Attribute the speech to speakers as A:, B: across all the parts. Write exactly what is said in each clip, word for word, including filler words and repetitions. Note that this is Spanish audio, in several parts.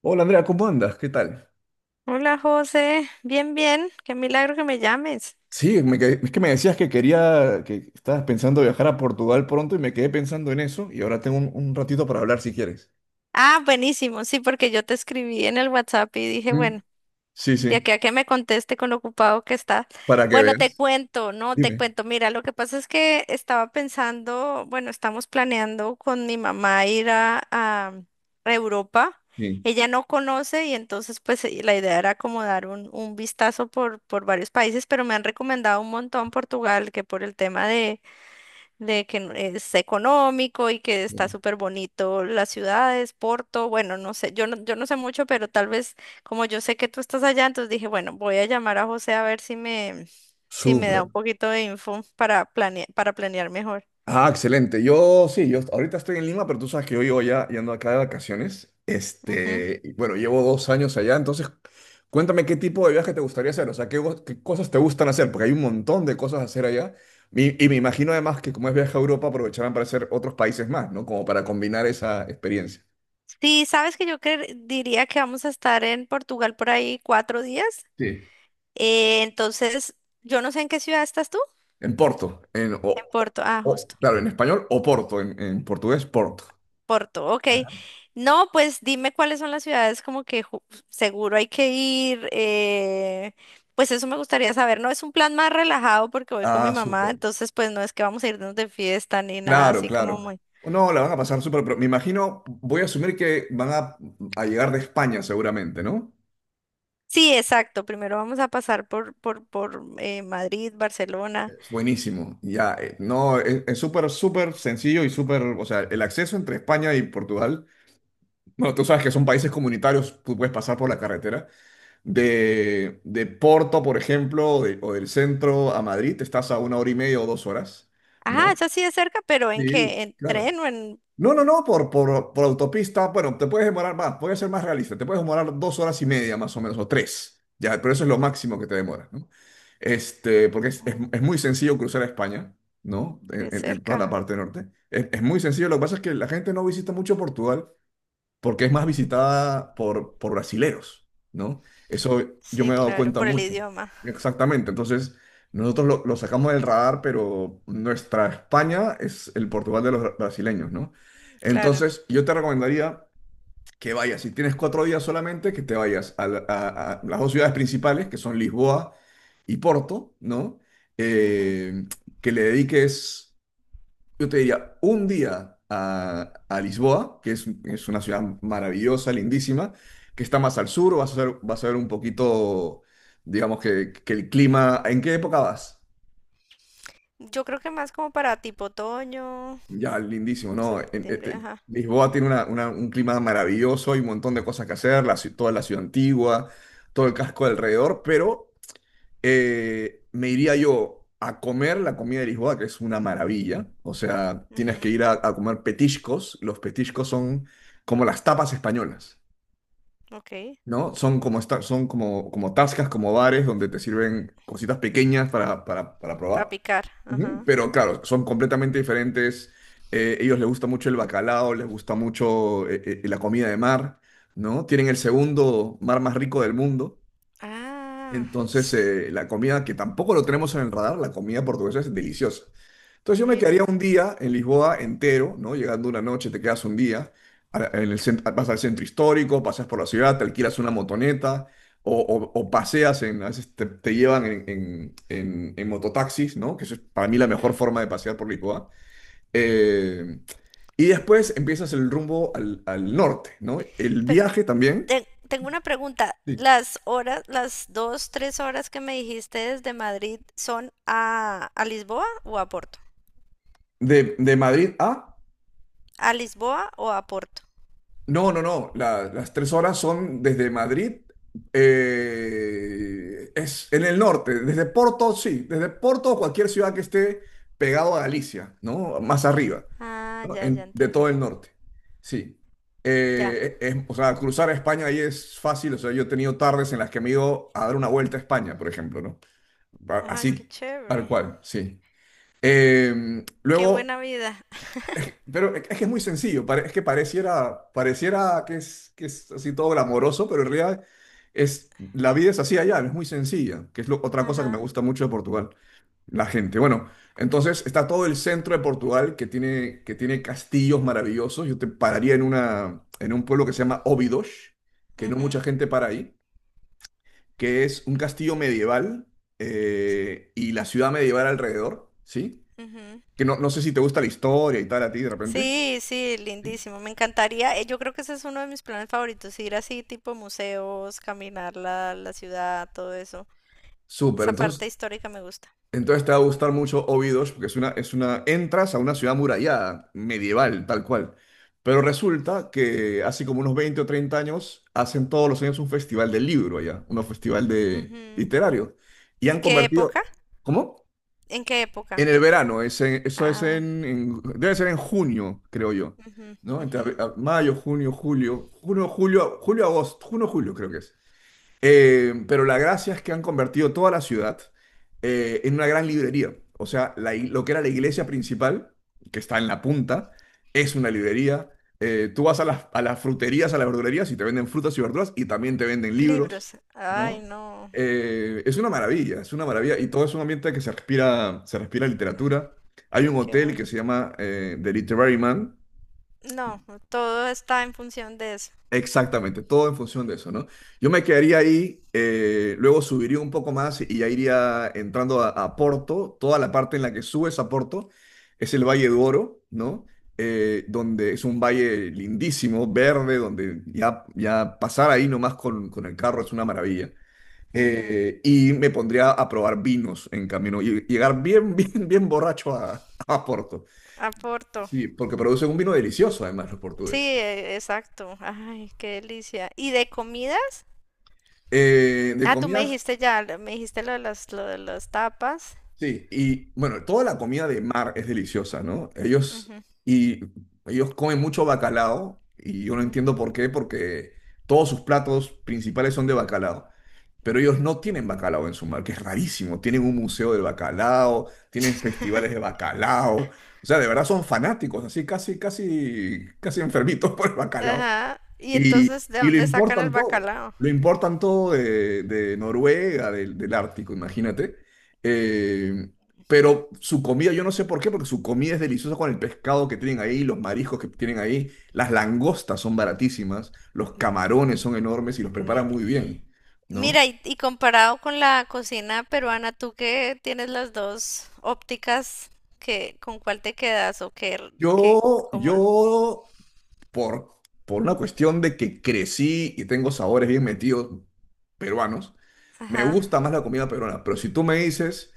A: Hola Andrea, ¿cómo andas? ¿Qué tal?
B: Hola José, bien, bien, qué milagro que me llames.
A: Sí, me quedé- es que me decías que quería, que estabas pensando viajar a Portugal pronto y me quedé pensando en eso y ahora tengo un, un ratito para hablar si quieres.
B: Ah, buenísimo, sí, porque yo te escribí en el WhatsApp y dije,
A: Mm.
B: bueno,
A: Sí,
B: de
A: sí,
B: aquí a que me conteste con lo ocupado que está.
A: para que
B: Bueno, te
A: veas.
B: cuento, no, te
A: Dime.
B: cuento. Mira, lo que pasa es que estaba pensando, bueno, estamos planeando con mi mamá ir a, a Europa.
A: Sí,
B: Ella no conoce y entonces pues eh, la idea era como dar un, un vistazo por, por varios países, pero me han recomendado un montón Portugal, que por el tema de de que n- es económico y que está
A: sí.
B: súper bonito las ciudades, Porto, bueno, no sé, yo no, yo no sé mucho, pero tal vez como yo sé que tú estás allá, entonces dije, bueno, voy a llamar a José a ver si me, si me da
A: Súper.
B: un poquito de info para planear, para planear mejor.
A: Ah, excelente. Yo sí, yo ahorita estoy en Lima, pero tú sabes que yo llevo ya y ando acá de vacaciones.
B: Ujú.
A: Este, y bueno, llevo dos años allá, entonces cuéntame qué tipo de viaje te gustaría hacer, o sea, qué, go- qué cosas te gustan hacer, porque hay un montón de cosas a hacer allá. Y, y me imagino además que como es viaje a Europa, aprovecharán para hacer otros países más, ¿no? Como para combinar esa experiencia.
B: Sí, sabes que yo cre- diría que vamos a estar en Portugal por ahí cuatro días.
A: Sí.
B: Eh, entonces, yo no sé en qué ciudad estás tú.
A: En Porto, en, o,
B: En Porto, ah,
A: o-
B: justo.
A: claro, en español, o Porto, en, en portugués, Porto.
B: Porto, ok. No, pues dime cuáles son las ciudades como que ju- seguro hay que ir. Eh, pues eso me gustaría saber. No es un plan más relajado porque voy con mi
A: Ah,
B: mamá,
A: súper.
B: entonces pues no es que vamos a irnos de fiesta ni nada
A: Claro,
B: así como
A: claro.
B: muy.
A: No, la van a pasar súper. pro- Me imagino, voy a asumir que van a, a llegar de España seguramente, ¿no?
B: Sí, exacto. Primero vamos a pasar por por por eh, Madrid, Barcelona.
A: Es buenísimo. Ya, eh, no, es es súper, súper sencillo y súper, o sea, el acceso entre España y Portugal, bueno, tú sabes que son países comunitarios, tú puedes pasar por la carretera. De, de Porto, por ejemplo, o, de- o del centro a Madrid, estás a una hora y media o dos horas,
B: Ah,
A: ¿no?
B: eso sí es cerca, pero ¿en
A: Sí,
B: qué? ¿En
A: claro.
B: tren o en
A: No, no, no, por, por, por autopista, bueno, te puedes demorar más, puede ser más realista, te puedes demorar dos horas y media más o menos, o tres, ya, pero eso es lo máximo que te demora, ¿no? Este, porque es, es-
B: oh,
A: es muy sencillo cruzar a España, ¿no?
B: qué
A: En, en- en toda
B: cerca?
A: la parte norte. Es, es muy sencillo, lo que pasa es que la gente no visita mucho Portugal porque es más visitada por, por brasileros, ¿no? Eso yo me
B: Sí,
A: he dado
B: claro,
A: cuenta
B: por el
A: mucho.
B: idioma,
A: Exactamente, entonces nosotros lo, lo sacamos del radar, pero nuestra España es el Portugal de los bra- brasileños, ¿no?
B: claro.
A: Entonces yo te recomendaría que vayas, si tienes cuatro días solamente, que te vayas a, la- a- a las dos ciudades principales, que son Lisboa y Porto, ¿no?
B: Ujú.
A: Eh, que le dediques. Yo te diría un día a, a Lisboa, que es, es una ciudad maravillosa, lindísima, que está más al sur, vas a ver, vas a ver un poquito, digamos que, que el clima. ¿En qué época vas?
B: Yo creo que más como para tipo otoño,
A: Ya, lindísimo, ¿no? En-
B: septiembre,
A: este,
B: ajá.
A: Lisboa tiene una- una- un clima maravilloso, hay un montón de cosas que hacer, la ci- toda la ciudad antigua, todo el casco alrededor, pero eh, me iría yo a comer la comida de Lisboa, que es una maravilla. O sea, tienes que
B: Ujú,
A: ir a, a comer petiscos. Los petiscos son como las tapas españolas,
B: ok,
A: ¿no? Son como, esta- son como, como tascas, como bares donde te sirven cositas pequeñas para, para, para
B: para
A: probar.
B: picar,
A: Ujú.
B: ajá.
A: Pero claro, son completamente diferentes. Eh, ellos les gusta mucho el bacalao, les gusta mucho eh, eh, la comida de mar, ¿no? Tienen el segundo mar más rico del mundo.
B: Ah,
A: Entonces,
B: s-
A: eh, la comida, que tampoco lo tenemos en el radar, la comida portuguesa es deliciosa. Entonces yo me
B: Mira.
A: quedaría un día en Lisboa entero, ¿no? Llegando una noche, te quedas un día, a- en el cen- vas al centro histórico, pasas por la ciudad, te alquilas una motoneta o, o- o paseas, en, a veces te, te llevan en, en- en- en mototaxis, ¿no? Que eso es para mí la mejor
B: Ujú.
A: forma de pasear por Lisboa. Eh, y después empiezas el rumbo al, al norte, ¿no? El
B: Pero
A: viaje también.
B: te- tengo una pregunta.
A: Sí.
B: Las horas, las dos, tres horas que me dijiste desde Madrid, ¿son a, a Lisboa o a Porto?
A: de, de Madrid a—
B: ¿A Lisboa o a Porto?
A: No, no, no, la- las tres horas son desde Madrid. Eh, es en el norte, desde Porto, sí, desde Porto, o cualquier ciudad que esté pegado a Galicia, ¿no? Más arriba,
B: Ah,
A: ¿no?
B: ya, ya
A: En- de
B: entendí.
A: todo el norte. Sí.
B: Ya.
A: Eh, es- o sea, cruzar a España ahí es fácil. O sea, yo he tenido tardes en las que me he ido a dar una vuelta a España, por ejemplo, ¿no? Pa-
B: Ajá, qué
A: Así, tal
B: chévere.
A: cual, sí. Eh,
B: Qué
A: luego,
B: buena vida.
A: pero es que es muy sencillo, pare- es que pareciera, pareciera que es, que es así todo glamoroso, pero en realidad es, la vida es así allá, es muy sencilla, que es lo- otra cosa que me
B: Ajá.
A: gusta mucho de Portugal, la gente. Bueno, entonces está todo el centro de Portugal que tiene, que tiene castillos maravillosos. Yo te pararía en, una, en un pueblo que se llama Óbidos, que no mucha
B: Ujú,
A: gente para ahí, que es un castillo medieval, eh, y la ciudad medieval alrededor, ¿sí?
B: ujú.
A: Que no, no sé si te gusta la historia y tal a ti de repente.
B: Sí, sí, lindísimo. Me encantaría. eh, Yo creo que ese es uno de mis planes favoritos, ir así tipo museos, caminar la, la ciudad, todo eso.
A: Súper,
B: Esa parte
A: entonces,
B: histórica me gusta.
A: entonces te va a gustar mucho Obidos, porque es una, es una, entras a una ciudad murallada, medieval, tal cual. Pero resulta que hace como unos veinte o treinta años hacen todos los años un festival del libro allá, un festival de
B: Ujú.
A: literario. Y
B: ¿Y
A: han
B: qué
A: convertido.
B: época?
A: ¿Cómo?
B: ¿En qué
A: En
B: época?
A: el verano, es en- eso es
B: Ah,
A: en, en- debe ser en junio, creo yo,
B: ujú,
A: ¿no? Entre
B: ujú.
A: ab- a- mayo, junio, julio, junio, julio, julio, agosto, junio, julio creo que es. Eh, pero la gracia es que han convertido toda la ciudad, eh, en una gran librería. O sea, la ig- lo que era la iglesia principal, que está en la punta, es una librería. Eh, tú vas a las, a las fruterías, a las verdulerías y te venden frutas y verduras y también te venden libros,
B: Libros. Ay,
A: ¿no?
B: no,
A: Eh, es una maravilla, es una maravilla. Y todo es un ambiente que se respira, se respira literatura. Hay un
B: qué
A: hotel que se
B: bonito.
A: llama, eh, The Literary Man.
B: No, todo está en función de eso.
A: Exactamente, todo en función de eso, ¿no? Yo me quedaría ahí, eh, luego subiría un poco más y ya iría entrando a, a Porto. Toda la parte en la que subes a Porto es el Valle do Oro, ¿no? Eh, donde es un valle lindísimo, verde, donde ya, ya pasar ahí nomás con, con el carro es una maravilla.
B: Ujú.
A: Eh, y me pondría a probar vinos en camino y llegar bien, bien, bien borracho a, a Porto.
B: Aporto.
A: Sí, porque producen un vino delicioso, además, los
B: Sí,
A: portugueses.
B: e- exacto. Ay, qué delicia. ¿Y de comidas?
A: Eh, de
B: Ah, tú me
A: comidas.
B: dijiste ya, lo- me dijiste lo de las, lo de las tapas.
A: Sí, y bueno, toda la comida de mar es deliciosa, ¿no? Ellos,
B: Ujú,
A: y, ellos comen mucho bacalao y yo no
B: ujú.
A: entiendo por qué, porque todos sus platos principales son de bacalao, pero ellos no tienen bacalao en su mar, que es rarísimo. Tienen un museo del bacalao, tienen festivales de bacalao, o sea, de verdad son fanáticos, así casi, casi, casi enfermitos por el bacalao.
B: Ajá. Y
A: Y,
B: entonces, ¿de
A: y lo
B: dónde sacan el
A: importan todo,
B: bacalao?
A: lo importan todo de, de Noruega, del, del Ártico, imagínate. Eh, pero su comida, yo no sé por qué, porque su comida es deliciosa con el pescado que tienen ahí, los mariscos que tienen ahí, las langostas son baratísimas, los camarones son enormes y los
B: Mi-
A: preparan muy bien, ¿no?
B: Mira, y, y comparado con la cocina peruana, tú que tienes las dos ópticas, que, ¿con cuál te quedas? ¿O qué, r- qué,
A: Yo,
B: cómo? l-
A: yo, por, por una cuestión de que crecí y tengo sabores bien metidos peruanos, me
B: Ajá.
A: gusta más la comida peruana, pero si tú me dices.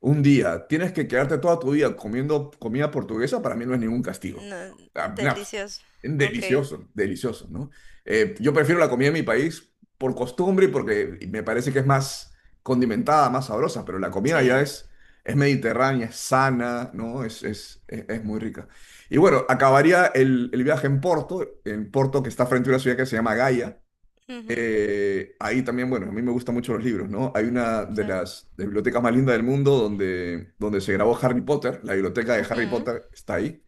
A: Un día, tienes que quedarte toda tu vida comiendo comida portuguesa, para mí no es ningún castigo.
B: No,
A: Ah, no,
B: delicioso. Ok.
A: delicioso, delicioso, ¿no? Eh, yo prefiero la comida de mi país por costumbre y porque me parece que es más condimentada, más sabrosa, pero la comida ya
B: Sí.
A: es, es mediterránea, es sana, ¿no? Es, es, es, es muy rica. Y bueno, acabaría el, el viaje en Porto. En Porto, que está frente a una ciudad que se llama Gaia.
B: Ujú,
A: Eh, ahí también, bueno, a mí me gustan mucho los libros, ¿no? Hay una de
B: sí.
A: las de bibliotecas más lindas del mundo, donde, donde se grabó Harry Potter, la biblioteca de Harry
B: Ujú.
A: Potter está ahí,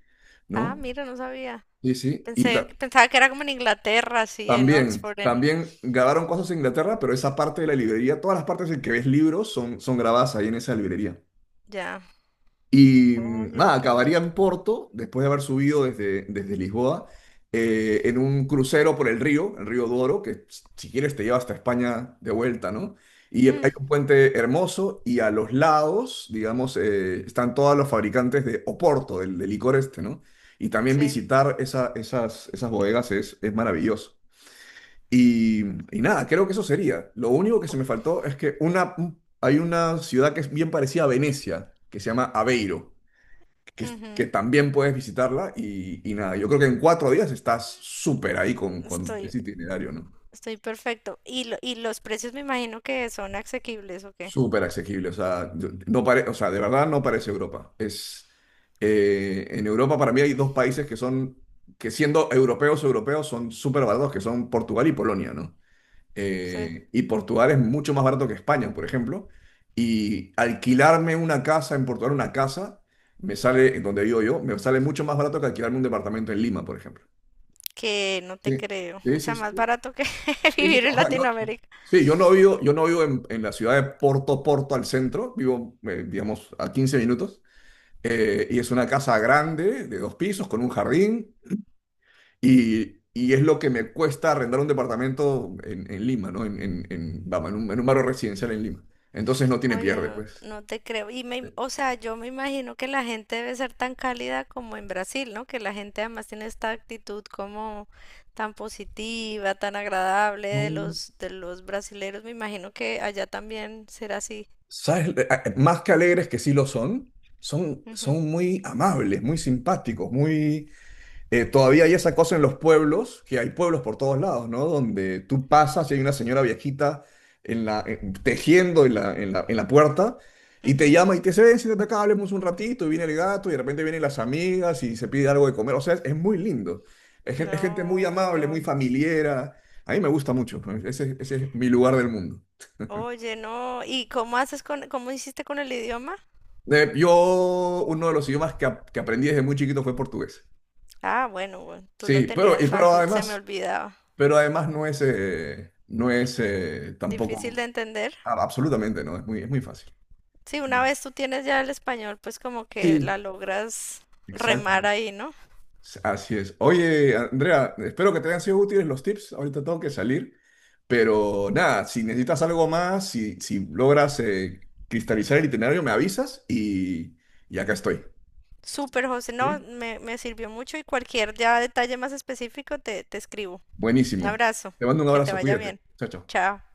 B: Ah,
A: ¿no?
B: mira, no sabía.
A: Sí, sí. Y
B: Pensé,
A: ta-
B: pensaba que era como en Inglaterra, sí, en
A: también,
B: Oxford, en...
A: también grabaron cosas en Inglaterra, pero esa parte de la librería, todas las partes en que ves libros son, son grabadas ahí en esa librería.
B: Ya.
A: Y mm,
B: Oye,
A: nada,
B: qué
A: acabaría
B: bonito.
A: en Porto, después de haber subido desde, desde Lisboa, eh, en un crucero por el río, el río Douro, que si quieres te lleva hasta España de vuelta, ¿no? Y
B: Hmm,
A: hay un puente hermoso y a los lados, digamos, eh, están todos los fabricantes de Oporto, del, del licor este, ¿no? Y también
B: sí.
A: visitar esa- esas, esas bodegas es, es maravilloso. Y, y nada, creo que eso sería. Lo único que se
B: Bu-
A: me faltó es que una, hay una ciudad que es bien parecida a Venecia, que se llama Aveiro, que, que
B: Ujú.
A: también puedes visitarla y, y nada, yo creo que en cuatro días estás súper ahí con, con
B: Estoy
A: ese itinerario, ¿no?
B: Estoy perfecto. Y, lo- y los precios me imagino que son asequibles o qué.
A: Súper asequible, o sea, yo- no pare- o sea, de verdad no parece Europa. Es, eh, en Europa, para mí hay dos países que son, que siendo europeos europeos son súper baratos, que son Portugal y Polonia, ¿no?
B: Sí.
A: Eh, y Portugal es mucho más barato que España, por ejemplo, y alquilarme una casa en Portugal, una casa, me sale, en donde vivo yo, me sale mucho más barato que alquilarme un departamento en Lima, por ejemplo.
B: Que no te
A: Sí,
B: creo.
A: sí,
B: O
A: sí,
B: sea, más
A: sí,
B: barato que
A: sí, sí, sí.
B: vivir en
A: O sea, yo,
B: Latinoamérica.
A: sí, yo no vivo, yo no vivo en, en la ciudad de Porto Porto al centro, vivo, eh, digamos, a quince minutos, eh, y es una casa grande, de dos pisos, con un jardín, y, y es lo que me cuesta arrendar un departamento en, en Lima, ¿no? En, en, en, vamos, en un, en un barrio residencial en Lima. Entonces no tiene
B: Oye,
A: pierde,
B: no,
A: pues.
B: no te creo. Y me, o sea, yo me imagino que la gente debe ser tan cálida como en Brasil, ¿no? Que la gente además tiene esta actitud como tan positiva, tan agradable
A: No.
B: de los, de los brasileros. Me imagino que allá también será así.
A: ¿Sabes? Eh, eh, Más que alegres, que sí lo son, son,
B: Ujú,
A: son muy amables, muy simpáticos, muy eh, todavía hay esa cosa en los pueblos, que hay pueblos por todos lados, ¿no? Donde tú pasas y hay una señora viejita en la, en- tejiendo en la, en la, en la puerta y te
B: ujú.
A: llama y te dice, ven, siéntate acá, hablemos un ratito, y viene el gato y de repente vienen las amigas y se pide algo de comer. O sea, es, es muy lindo. Es, gen- es gente muy
B: No, qué
A: amable, muy
B: bueno.
A: familiera. A mí me gusta mucho, ¿no? Ese, ese es mi lugar del mundo.
B: Oye, no, ¿y cómo haces con, cómo hiciste con el idioma?
A: Eh, yo, uno de los idiomas que, ap- que aprendí desde muy chiquito fue portugués.
B: Ah, bueno, bueno, tú lo
A: Sí, pero,
B: tenías
A: y, pero
B: fácil, se me
A: además,
B: olvidaba.
A: Pero además no es, eh, no es eh,
B: Difícil
A: tampoco,
B: de entender.
A: a- absolutamente no, es muy, es muy fácil.
B: Sí, una vez tú tienes ya el español, pues como que
A: Sí.
B: la logras remar
A: Exactamente.
B: ahí, ¿no?
A: Así es. Oye, Andrea, espero que te hayan sido útiles los tips. Ahorita tengo que salir. Pero nada, si necesitas algo más, si, si logras, eh, cristalizar el itinerario, me avisas y, y acá estoy.
B: Súper, José, no,
A: ¿Sí?
B: me, me sirvió mucho y cualquier ya detalle más específico te, te escribo. Un
A: Buenísimo.
B: abrazo,
A: Te mando un
B: que te
A: abrazo,
B: vaya bien.
A: cuídate. Chao, chao.
B: Chao.